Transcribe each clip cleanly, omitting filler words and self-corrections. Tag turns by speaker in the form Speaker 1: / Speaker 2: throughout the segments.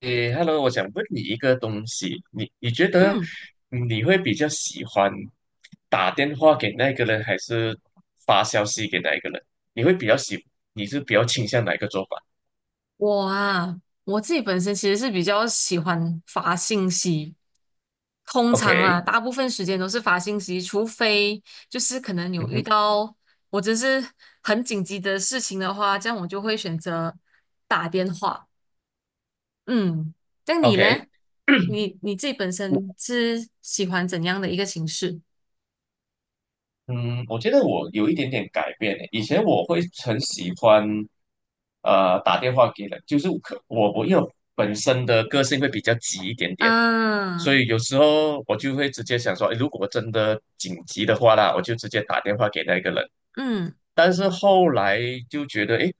Speaker 1: 诶，Hello，我想问你一个东西，你觉得
Speaker 2: 嗯，
Speaker 1: 你会比较喜欢打电话给那个人，还是发消息给那一个人？你会比较喜，你是比较倾向哪一个做法
Speaker 2: 我啊，我自己本身其实是比较喜欢发信息。通常啊，
Speaker 1: ？OK，
Speaker 2: 大部分时间都是发信息，除非就是可能有
Speaker 1: 嗯
Speaker 2: 遇
Speaker 1: 哼
Speaker 2: 到我真是很紧急的事情的话，这样我就会选择打电话。嗯，那你
Speaker 1: ，OK，
Speaker 2: 嘞？你自己本身是喜欢怎样的一个形式？
Speaker 1: 嗯，我觉得我有一点点改变诶。以前我会很喜欢，打电话给人，就是可我因为我本身的个性会比较急一点点，所
Speaker 2: 嗯
Speaker 1: 以有时候我就会直接想说，诶如果真的紧急的话啦，我就直接打电话给那个人。
Speaker 2: 嗯，
Speaker 1: 但是后来就觉得，诶，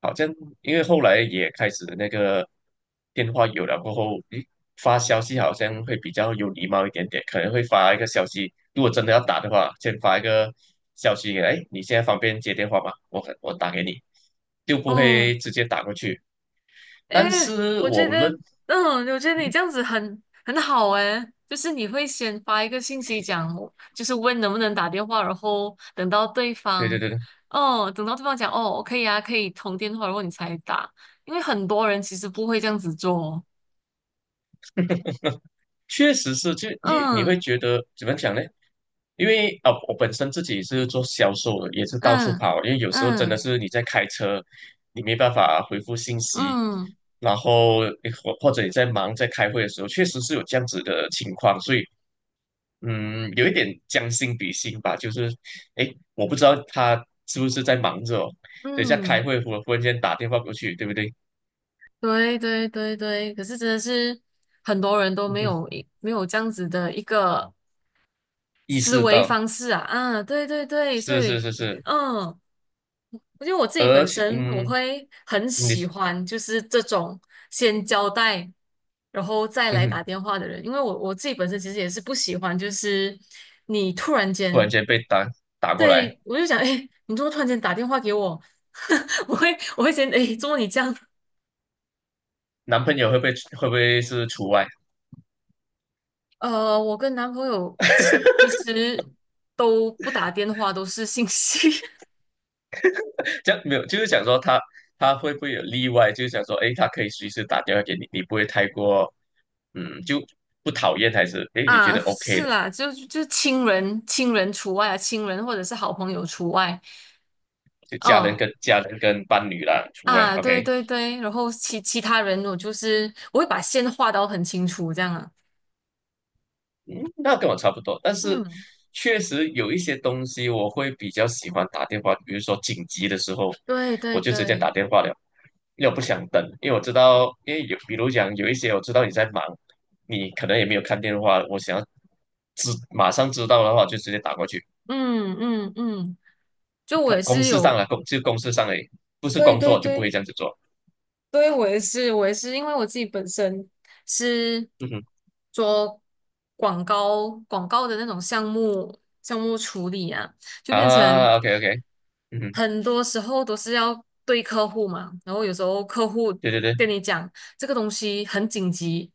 Speaker 1: 好像因为后来也开始那个电话有了过后，诶，发消息好像会比较有礼貌一点点，可能会发一个消息，如果真的要打的话，先发一个消息给他诶，你现在方便接电话吗？我打给你，就不
Speaker 2: 哦。
Speaker 1: 会直接打过去。
Speaker 2: 哎，
Speaker 1: 但是
Speaker 2: 我觉
Speaker 1: 我
Speaker 2: 得，
Speaker 1: 认，
Speaker 2: 嗯，我觉得你
Speaker 1: 嗯，
Speaker 2: 这样子很好哎，就是你会先发一个信息讲，就是问能不能打电话，然后等到对
Speaker 1: 对
Speaker 2: 方，
Speaker 1: 对对，
Speaker 2: 哦，等到对方讲哦，可以啊，可以通电话，然后你才打，因为很多人其实不会这样子做。
Speaker 1: 确实是，就你会
Speaker 2: 嗯
Speaker 1: 觉得怎么讲呢？因为啊，我本身自己是做销售的，也是到处
Speaker 2: 嗯
Speaker 1: 跑。因为有时候真的
Speaker 2: 嗯
Speaker 1: 是你在开车，你没办法回复信息，
Speaker 2: 嗯
Speaker 1: 然后你或者你在忙在开会的时候，确实是有这样子的情况。所以，有一点将心比心吧，就是，诶，我不知道他是不是在忙着哦等一下开
Speaker 2: 嗯，
Speaker 1: 会，我忽然间打电话过去，对不对？
Speaker 2: 对对对对，可是真的是很多人都没有这样子的一个
Speaker 1: 意
Speaker 2: 思
Speaker 1: 识
Speaker 2: 维
Speaker 1: 到，
Speaker 2: 方式啊。啊，对对对，所
Speaker 1: 是是
Speaker 2: 以，
Speaker 1: 是是，
Speaker 2: 嗯，我觉得我自己
Speaker 1: 而
Speaker 2: 本
Speaker 1: 且，
Speaker 2: 身我会很
Speaker 1: 你。
Speaker 2: 喜欢，就是这种先交代，然后再
Speaker 1: 嗯
Speaker 2: 来
Speaker 1: 哼，
Speaker 2: 打电话的人，因为我自己本身其实也是不喜欢，就是你突然
Speaker 1: 突然
Speaker 2: 间，
Speaker 1: 间被打过来，
Speaker 2: 对，我就想，哎，你怎么突然间打电话给我？我会我会先，哎，怎么你这样？
Speaker 1: 男朋友会不会是除外？
Speaker 2: 我跟男朋友其其 实都不打电话，都是信息。
Speaker 1: 这样没有，就是想说他会不会有例外？就是想说，诶，他可以随时打电话给你，你不会太过，嗯，就不讨厌还是哎诶，你觉
Speaker 2: 啊，
Speaker 1: 得 OK
Speaker 2: 是
Speaker 1: 的？
Speaker 2: 啦，就亲人除外啊，亲人或者是好朋友除外。
Speaker 1: 就家人
Speaker 2: 哦
Speaker 1: 跟家人跟伴侣啦除外
Speaker 2: 啊，对
Speaker 1: ，OK。
Speaker 2: 对对，然后其他人我就是我会把线画到很清楚这样啊。
Speaker 1: 嗯，那跟我差不多，但是
Speaker 2: 嗯，
Speaker 1: 确实有一些东西我会比较喜欢打电话，比如说紧急的时候，
Speaker 2: 对对
Speaker 1: 我就直接打
Speaker 2: 对，
Speaker 1: 电话了，又不想等，因为我知道，因为有，比如讲有一些我知道你在忙，你可能也没有看电话，我想要马上知道的话，就直接打过去。
Speaker 2: 嗯嗯嗯，就我
Speaker 1: 他
Speaker 2: 也
Speaker 1: 公
Speaker 2: 是
Speaker 1: 事上
Speaker 2: 有，
Speaker 1: 了，公事上而已不是
Speaker 2: 对
Speaker 1: 工
Speaker 2: 对
Speaker 1: 作就不会
Speaker 2: 对。
Speaker 1: 这样子做。
Speaker 2: 对，我也是，我也是，因为我自己本身是
Speaker 1: 嗯哼，
Speaker 2: 做广告的那种项目处理啊，就变成
Speaker 1: 啊，OK OK，嗯哼，
Speaker 2: 很多时候都是要对客户嘛，然后有时候客户
Speaker 1: 对对对，
Speaker 2: 跟你讲这个东西很紧急，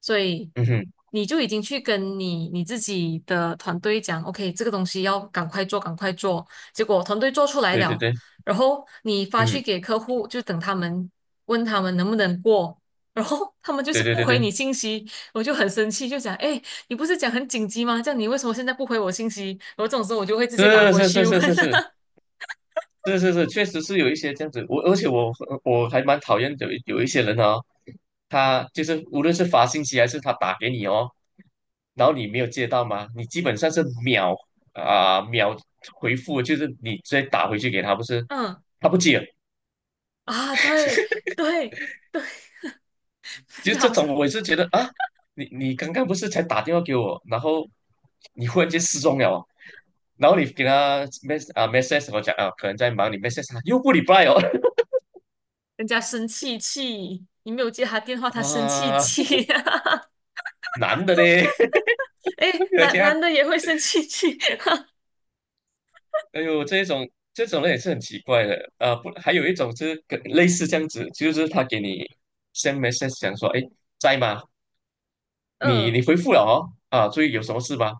Speaker 2: 所以
Speaker 1: 嗯哼，
Speaker 2: 你就已经去跟你自己的团队讲，OK，这个东西要赶快做，赶快做，结果团队做出来
Speaker 1: 对对
Speaker 2: 了。
Speaker 1: 对，
Speaker 2: 然后你发去
Speaker 1: 嗯，
Speaker 2: 给客户，就等他们问他们能不能过，然后他们就是
Speaker 1: 对对
Speaker 2: 不
Speaker 1: 对
Speaker 2: 回
Speaker 1: 对，
Speaker 2: 你信息，我就很生气，就讲，哎，你不是讲很紧急吗？这样你为什么现在不回我信息？然后这种时候我就会直接打
Speaker 1: 是
Speaker 2: 过
Speaker 1: 是是
Speaker 2: 去问。
Speaker 1: 是是是，是是是，确实是有一些这样子。而且我还蛮讨厌有一些人啊哦，他就是无论是发信息还是他打给你哦，然后你没有接到吗？你基本上是秒回复，就是你直接打回去给他，不是
Speaker 2: 嗯，
Speaker 1: 他不接。
Speaker 2: 啊，对对对，
Speaker 1: 就
Speaker 2: 就
Speaker 1: 这
Speaker 2: 好像
Speaker 1: 种我也是觉得啊，你你刚刚不是才打电话给我，然后你忽然间失踪了哦然后你给他 message 我讲啊，可能在忙，你 message 他又不 re 哦，
Speaker 2: 人家生气气，你没有接他电话，他生气
Speaker 1: 啊，
Speaker 2: 气。
Speaker 1: 男的嘞，
Speaker 2: 哎，
Speaker 1: 而
Speaker 2: 男
Speaker 1: 且还
Speaker 2: 男的也会生气气。
Speaker 1: 哎呦，这种人也是很奇怪的啊、不，还有一种就是跟类似这样子，就是他给你 send message 讲说，哎，在吗？你你
Speaker 2: 嗯，
Speaker 1: 回复了哦，啊，注意有什么事吗？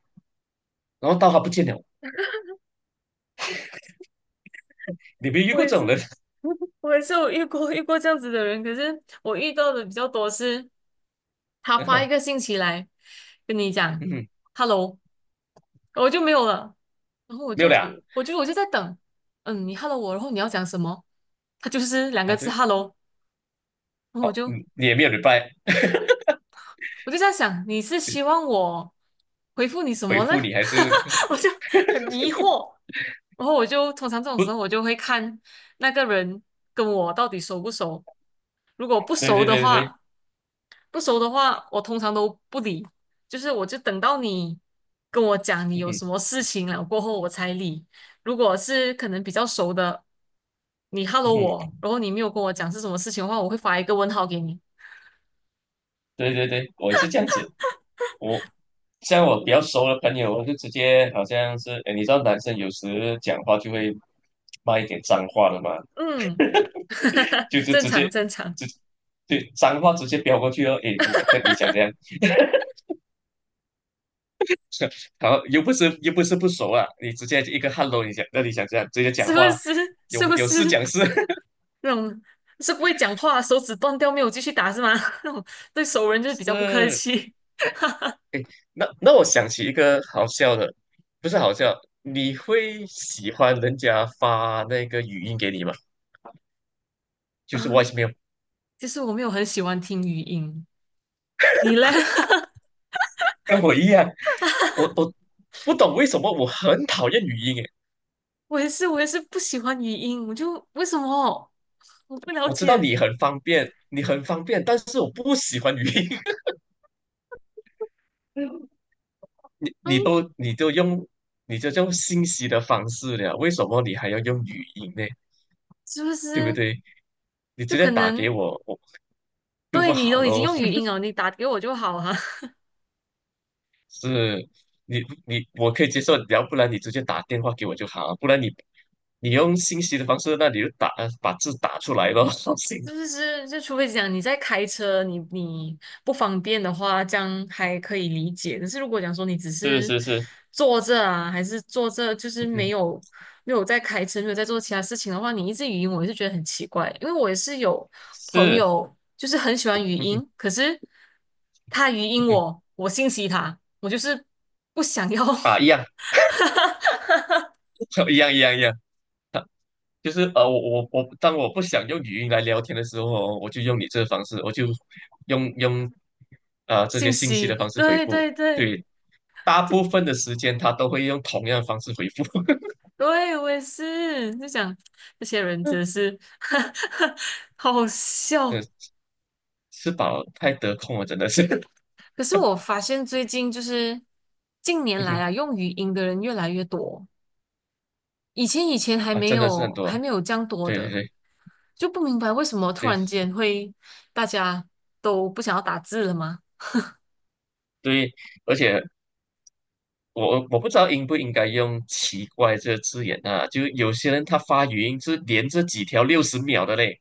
Speaker 1: 然后到他不见了，你没遇
Speaker 2: 我
Speaker 1: 过
Speaker 2: 也
Speaker 1: 这种
Speaker 2: 是，
Speaker 1: 人？
Speaker 2: 我也是有遇过这样子的人，可是我遇到的比较多是，他发一个信息来跟你 讲。
Speaker 1: 嗯，
Speaker 2: Hello，我就没有了。然后我
Speaker 1: 没有了啊，
Speaker 2: 就我就我就在等，嗯，你 hello 我，然后你要讲什么？他就是两个
Speaker 1: 啊
Speaker 2: 字
Speaker 1: 对，
Speaker 2: hello。然后我
Speaker 1: 好、
Speaker 2: 就
Speaker 1: 嗯，你也没有礼拜
Speaker 2: 我就在想，你是希望我回复你什
Speaker 1: 回
Speaker 2: 么呢？
Speaker 1: 复你，还是
Speaker 2: 我就很疑惑。然后我就通常这种时
Speaker 1: 不，
Speaker 2: 候，我就会看那个人跟我到底熟不熟。如果不
Speaker 1: 对
Speaker 2: 熟
Speaker 1: 对
Speaker 2: 的
Speaker 1: 对对，
Speaker 2: 话，不熟的话，我通常都不理，就是我就等到你跟我讲你
Speaker 1: 嗯
Speaker 2: 有
Speaker 1: 哼
Speaker 2: 什么事情了过后我才理。如果是可能比较熟的，你 hello
Speaker 1: 嗯
Speaker 2: 我，然后你没有跟我讲是什么事情的话，我会发一个问号给你。
Speaker 1: 对对对，我也是这样子，我像我比较熟的朋友，我就直接好像是，哎，你知道男生有时讲话就会骂一点脏话的嘛。
Speaker 2: 嗯，
Speaker 1: 就是
Speaker 2: 正
Speaker 1: 直接
Speaker 2: 常正常，
Speaker 1: 直对脏话直接飙过去哦。诶，你想这样，然后又不是不熟啊，你直接一个 hello，你想这样直接
Speaker 2: 是
Speaker 1: 讲
Speaker 2: 不
Speaker 1: 话，
Speaker 2: 是？
Speaker 1: 有
Speaker 2: 是不
Speaker 1: 有事
Speaker 2: 是
Speaker 1: 讲事
Speaker 2: 那种是不会讲话，手指断掉没有继续打是吗？那种对熟人就是比较不客
Speaker 1: 是。
Speaker 2: 气。
Speaker 1: 那那我想起一个好笑的，不是好笑，你会喜欢人家发那个语音给你吗？就是 v o i
Speaker 2: 嗯，
Speaker 1: c
Speaker 2: 其实我没有很喜欢听语音，你嘞？
Speaker 1: 跟我一样，我不懂为什么我很讨厌语音诶。
Speaker 2: 我也是，我也是不喜欢语音，我就为什么我不了
Speaker 1: 我知道
Speaker 2: 解？
Speaker 1: 你很方便，你很方便，但是我不喜欢语音。你你
Speaker 2: 嗯，
Speaker 1: 都你都用你就用信息的方式了，为什么你还要用语音呢？
Speaker 2: 是不
Speaker 1: 对不
Speaker 2: 是
Speaker 1: 对？你
Speaker 2: 就
Speaker 1: 直接
Speaker 2: 可
Speaker 1: 打给
Speaker 2: 能
Speaker 1: 我，我就
Speaker 2: 对
Speaker 1: 不
Speaker 2: 你
Speaker 1: 好
Speaker 2: 都已经
Speaker 1: 咯。
Speaker 2: 用语音 了，你打给我就好啊？
Speaker 1: 是，你我可以接受，要不然你直接打电话给我就好，不然你你用信息的方式，那你就把字打出来咯。行，
Speaker 2: 就是是，就除非讲你在开车，你不方便的话，这样还可以理解。但是如果讲说你只
Speaker 1: 是
Speaker 2: 是
Speaker 1: 是是，
Speaker 2: 坐着啊，还是坐着，就是没
Speaker 1: 嗯，
Speaker 2: 有没有在开车，没有在做其他事情的话，你一直语音，我也是觉得很奇怪。因为我也是有朋
Speaker 1: 是，
Speaker 2: 友，就是很喜欢语
Speaker 1: 嗯哼
Speaker 2: 音，可是他语
Speaker 1: 嗯
Speaker 2: 音
Speaker 1: 哼
Speaker 2: 我，我信息他，我就是不想要
Speaker 1: 啊，一样，一样一样一样，就是我，当我不想用语音来聊天的时候哦我就用你这个方式，我就用啊 这些
Speaker 2: 信
Speaker 1: 信息的
Speaker 2: 息。
Speaker 1: 方式回
Speaker 2: 对
Speaker 1: 复。
Speaker 2: 对对，
Speaker 1: 对，大部分的时间他都会用同样的方式回复。
Speaker 2: 对，我也是，就想这些人真的是 好好
Speaker 1: 嗯，
Speaker 2: 笑。
Speaker 1: 吃饱太得空了，真的是，
Speaker 2: 可是我发现最近就是近 年
Speaker 1: 嗯
Speaker 2: 来
Speaker 1: 哼
Speaker 2: 啊，用语音的人越来越多，以前还
Speaker 1: 啊，
Speaker 2: 没
Speaker 1: 真的是很
Speaker 2: 有
Speaker 1: 多。
Speaker 2: 还没有这样多
Speaker 1: 对对
Speaker 2: 的，
Speaker 1: 对
Speaker 2: 就不明白为什么突
Speaker 1: 对
Speaker 2: 然间会大家都不想要打字了吗？
Speaker 1: 对，而且我不知道应不应该用"奇怪"这个字眼啊，就有些人他发语音是连着几条60秒的嘞。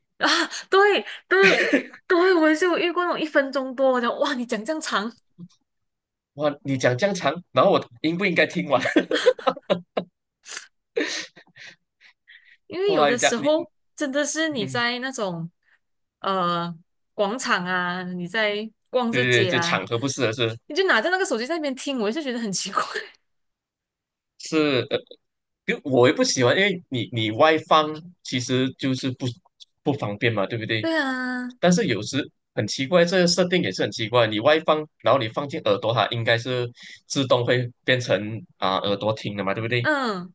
Speaker 2: 啊，对对对，我也是有遇过那种一分钟多的，哇，你讲这样长，
Speaker 1: 哇，你讲这样长，然后我应不应该听完？
Speaker 2: 因为有
Speaker 1: 哇，
Speaker 2: 的
Speaker 1: 你讲
Speaker 2: 时
Speaker 1: 你，
Speaker 2: 候真的是你
Speaker 1: 嗯，
Speaker 2: 在那种。呃广场啊，你在逛
Speaker 1: 对
Speaker 2: 这
Speaker 1: 对对，
Speaker 2: 街
Speaker 1: 这
Speaker 2: 啊，
Speaker 1: 场合不适合是
Speaker 2: 你就拿着那个手机在那边听，我就觉得很奇怪。
Speaker 1: 是因为我也不喜欢，因为你外放其实就是不方便嘛，对不对？
Speaker 2: 对啊，
Speaker 1: 但是有时很奇怪，这个设定也是很奇怪，你外放，然后你放进耳朵，它应该是自动会变成耳朵听的嘛，对不对？
Speaker 2: 嗯，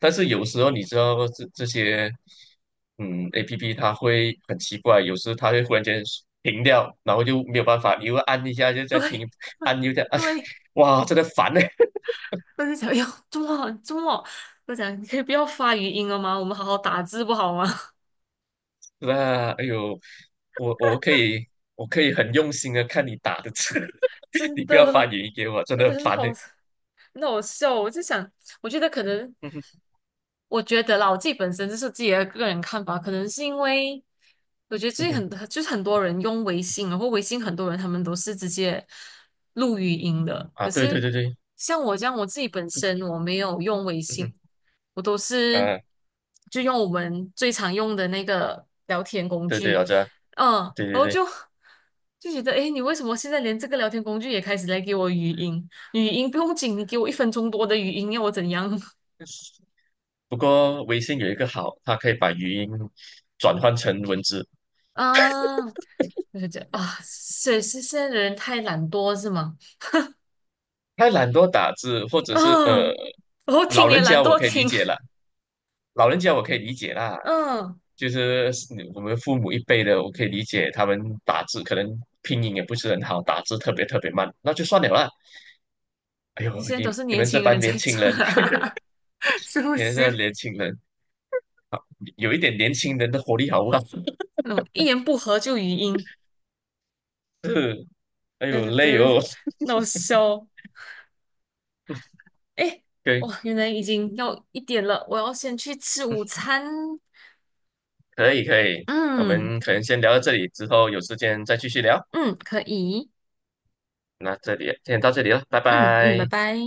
Speaker 1: 但是有时候你知道这些，APP 它会很奇怪，有时它会忽然间停掉，然后就没有办法，你又按一下就在
Speaker 2: 对
Speaker 1: 停，
Speaker 2: 对
Speaker 1: 按又再按，
Speaker 2: 对，
Speaker 1: 哇，真的烦呢、
Speaker 2: 我就想，哎呦，这么我讲你可以不要发语音了吗？我们好好打字不好吗？
Speaker 1: 那哎呦，我我可以我可以很用心的看你打的字，
Speaker 2: 真
Speaker 1: 你不要发
Speaker 2: 的，
Speaker 1: 语音给我，真
Speaker 2: 真
Speaker 1: 的
Speaker 2: 的
Speaker 1: 很
Speaker 2: 很
Speaker 1: 烦
Speaker 2: 好，
Speaker 1: 呢、
Speaker 2: 很好笑。我就想，我觉得可能。
Speaker 1: 嗯哼
Speaker 2: 我觉得啦，我自己本身就是自己的个人看法，可能是因为我觉得
Speaker 1: 嗯
Speaker 2: 最近
Speaker 1: 哼
Speaker 2: 很就是很多人用微信，然后微信很多人他们都是直接录语音的，
Speaker 1: 啊，
Speaker 2: 可
Speaker 1: 对对
Speaker 2: 是
Speaker 1: 对对，
Speaker 2: 像我这样，我自己本
Speaker 1: 不可，
Speaker 2: 身我没有用微
Speaker 1: 嗯
Speaker 2: 信，
Speaker 1: 哼
Speaker 2: 我都是
Speaker 1: 啊，
Speaker 2: 就用我们最常用的那个聊天工
Speaker 1: 对对，
Speaker 2: 具，
Speaker 1: 我知道
Speaker 2: 嗯，
Speaker 1: 对对
Speaker 2: 然后
Speaker 1: 对。
Speaker 2: 就觉得，诶，你为什么现在连这个聊天工具也开始来给我语音？语音不用紧，你给我一分钟多的语音，要我怎样？
Speaker 1: 不过微信有一个好，它可以把语音转换成文字，
Speaker 2: 啊我就觉得啊，是现在的人太懒惰是吗？
Speaker 1: 太懒惰打字，或者是
Speaker 2: 嗯，我听
Speaker 1: 老
Speaker 2: 也
Speaker 1: 人
Speaker 2: 懒
Speaker 1: 家我
Speaker 2: 惰
Speaker 1: 可以理
Speaker 2: 听，
Speaker 1: 解了，老人家我可以理解啦，
Speaker 2: 嗯，
Speaker 1: 就是你我们父母一辈的，我可以理解他们打字可能拼音也不是很好，打字特别特别慢，那就算了啦。哎呦，
Speaker 2: 现在
Speaker 1: 你
Speaker 2: 都是
Speaker 1: 你
Speaker 2: 年
Speaker 1: 们这
Speaker 2: 轻
Speaker 1: 帮
Speaker 2: 人在
Speaker 1: 年轻
Speaker 2: 做
Speaker 1: 人，
Speaker 2: 啊，是不
Speaker 1: 你们这
Speaker 2: 是？
Speaker 1: 年轻人有一点年轻人的活力好不好？
Speaker 2: 那种一言不合就语音，
Speaker 1: 是，哎
Speaker 2: 就
Speaker 1: 呦
Speaker 2: 是就
Speaker 1: 累
Speaker 2: 是
Speaker 1: 哦。
Speaker 2: 那种笑。哎，
Speaker 1: 对，
Speaker 2: 哇，原来已经要1点了，我要先去吃午
Speaker 1: 嗯
Speaker 2: 餐。
Speaker 1: 可以可以，我
Speaker 2: 嗯
Speaker 1: 们可能先聊到这里，之后有时间再继续聊。
Speaker 2: 嗯，可以，
Speaker 1: 那这里先到这里了，拜
Speaker 2: 嗯嗯，拜
Speaker 1: 拜。
Speaker 2: 拜。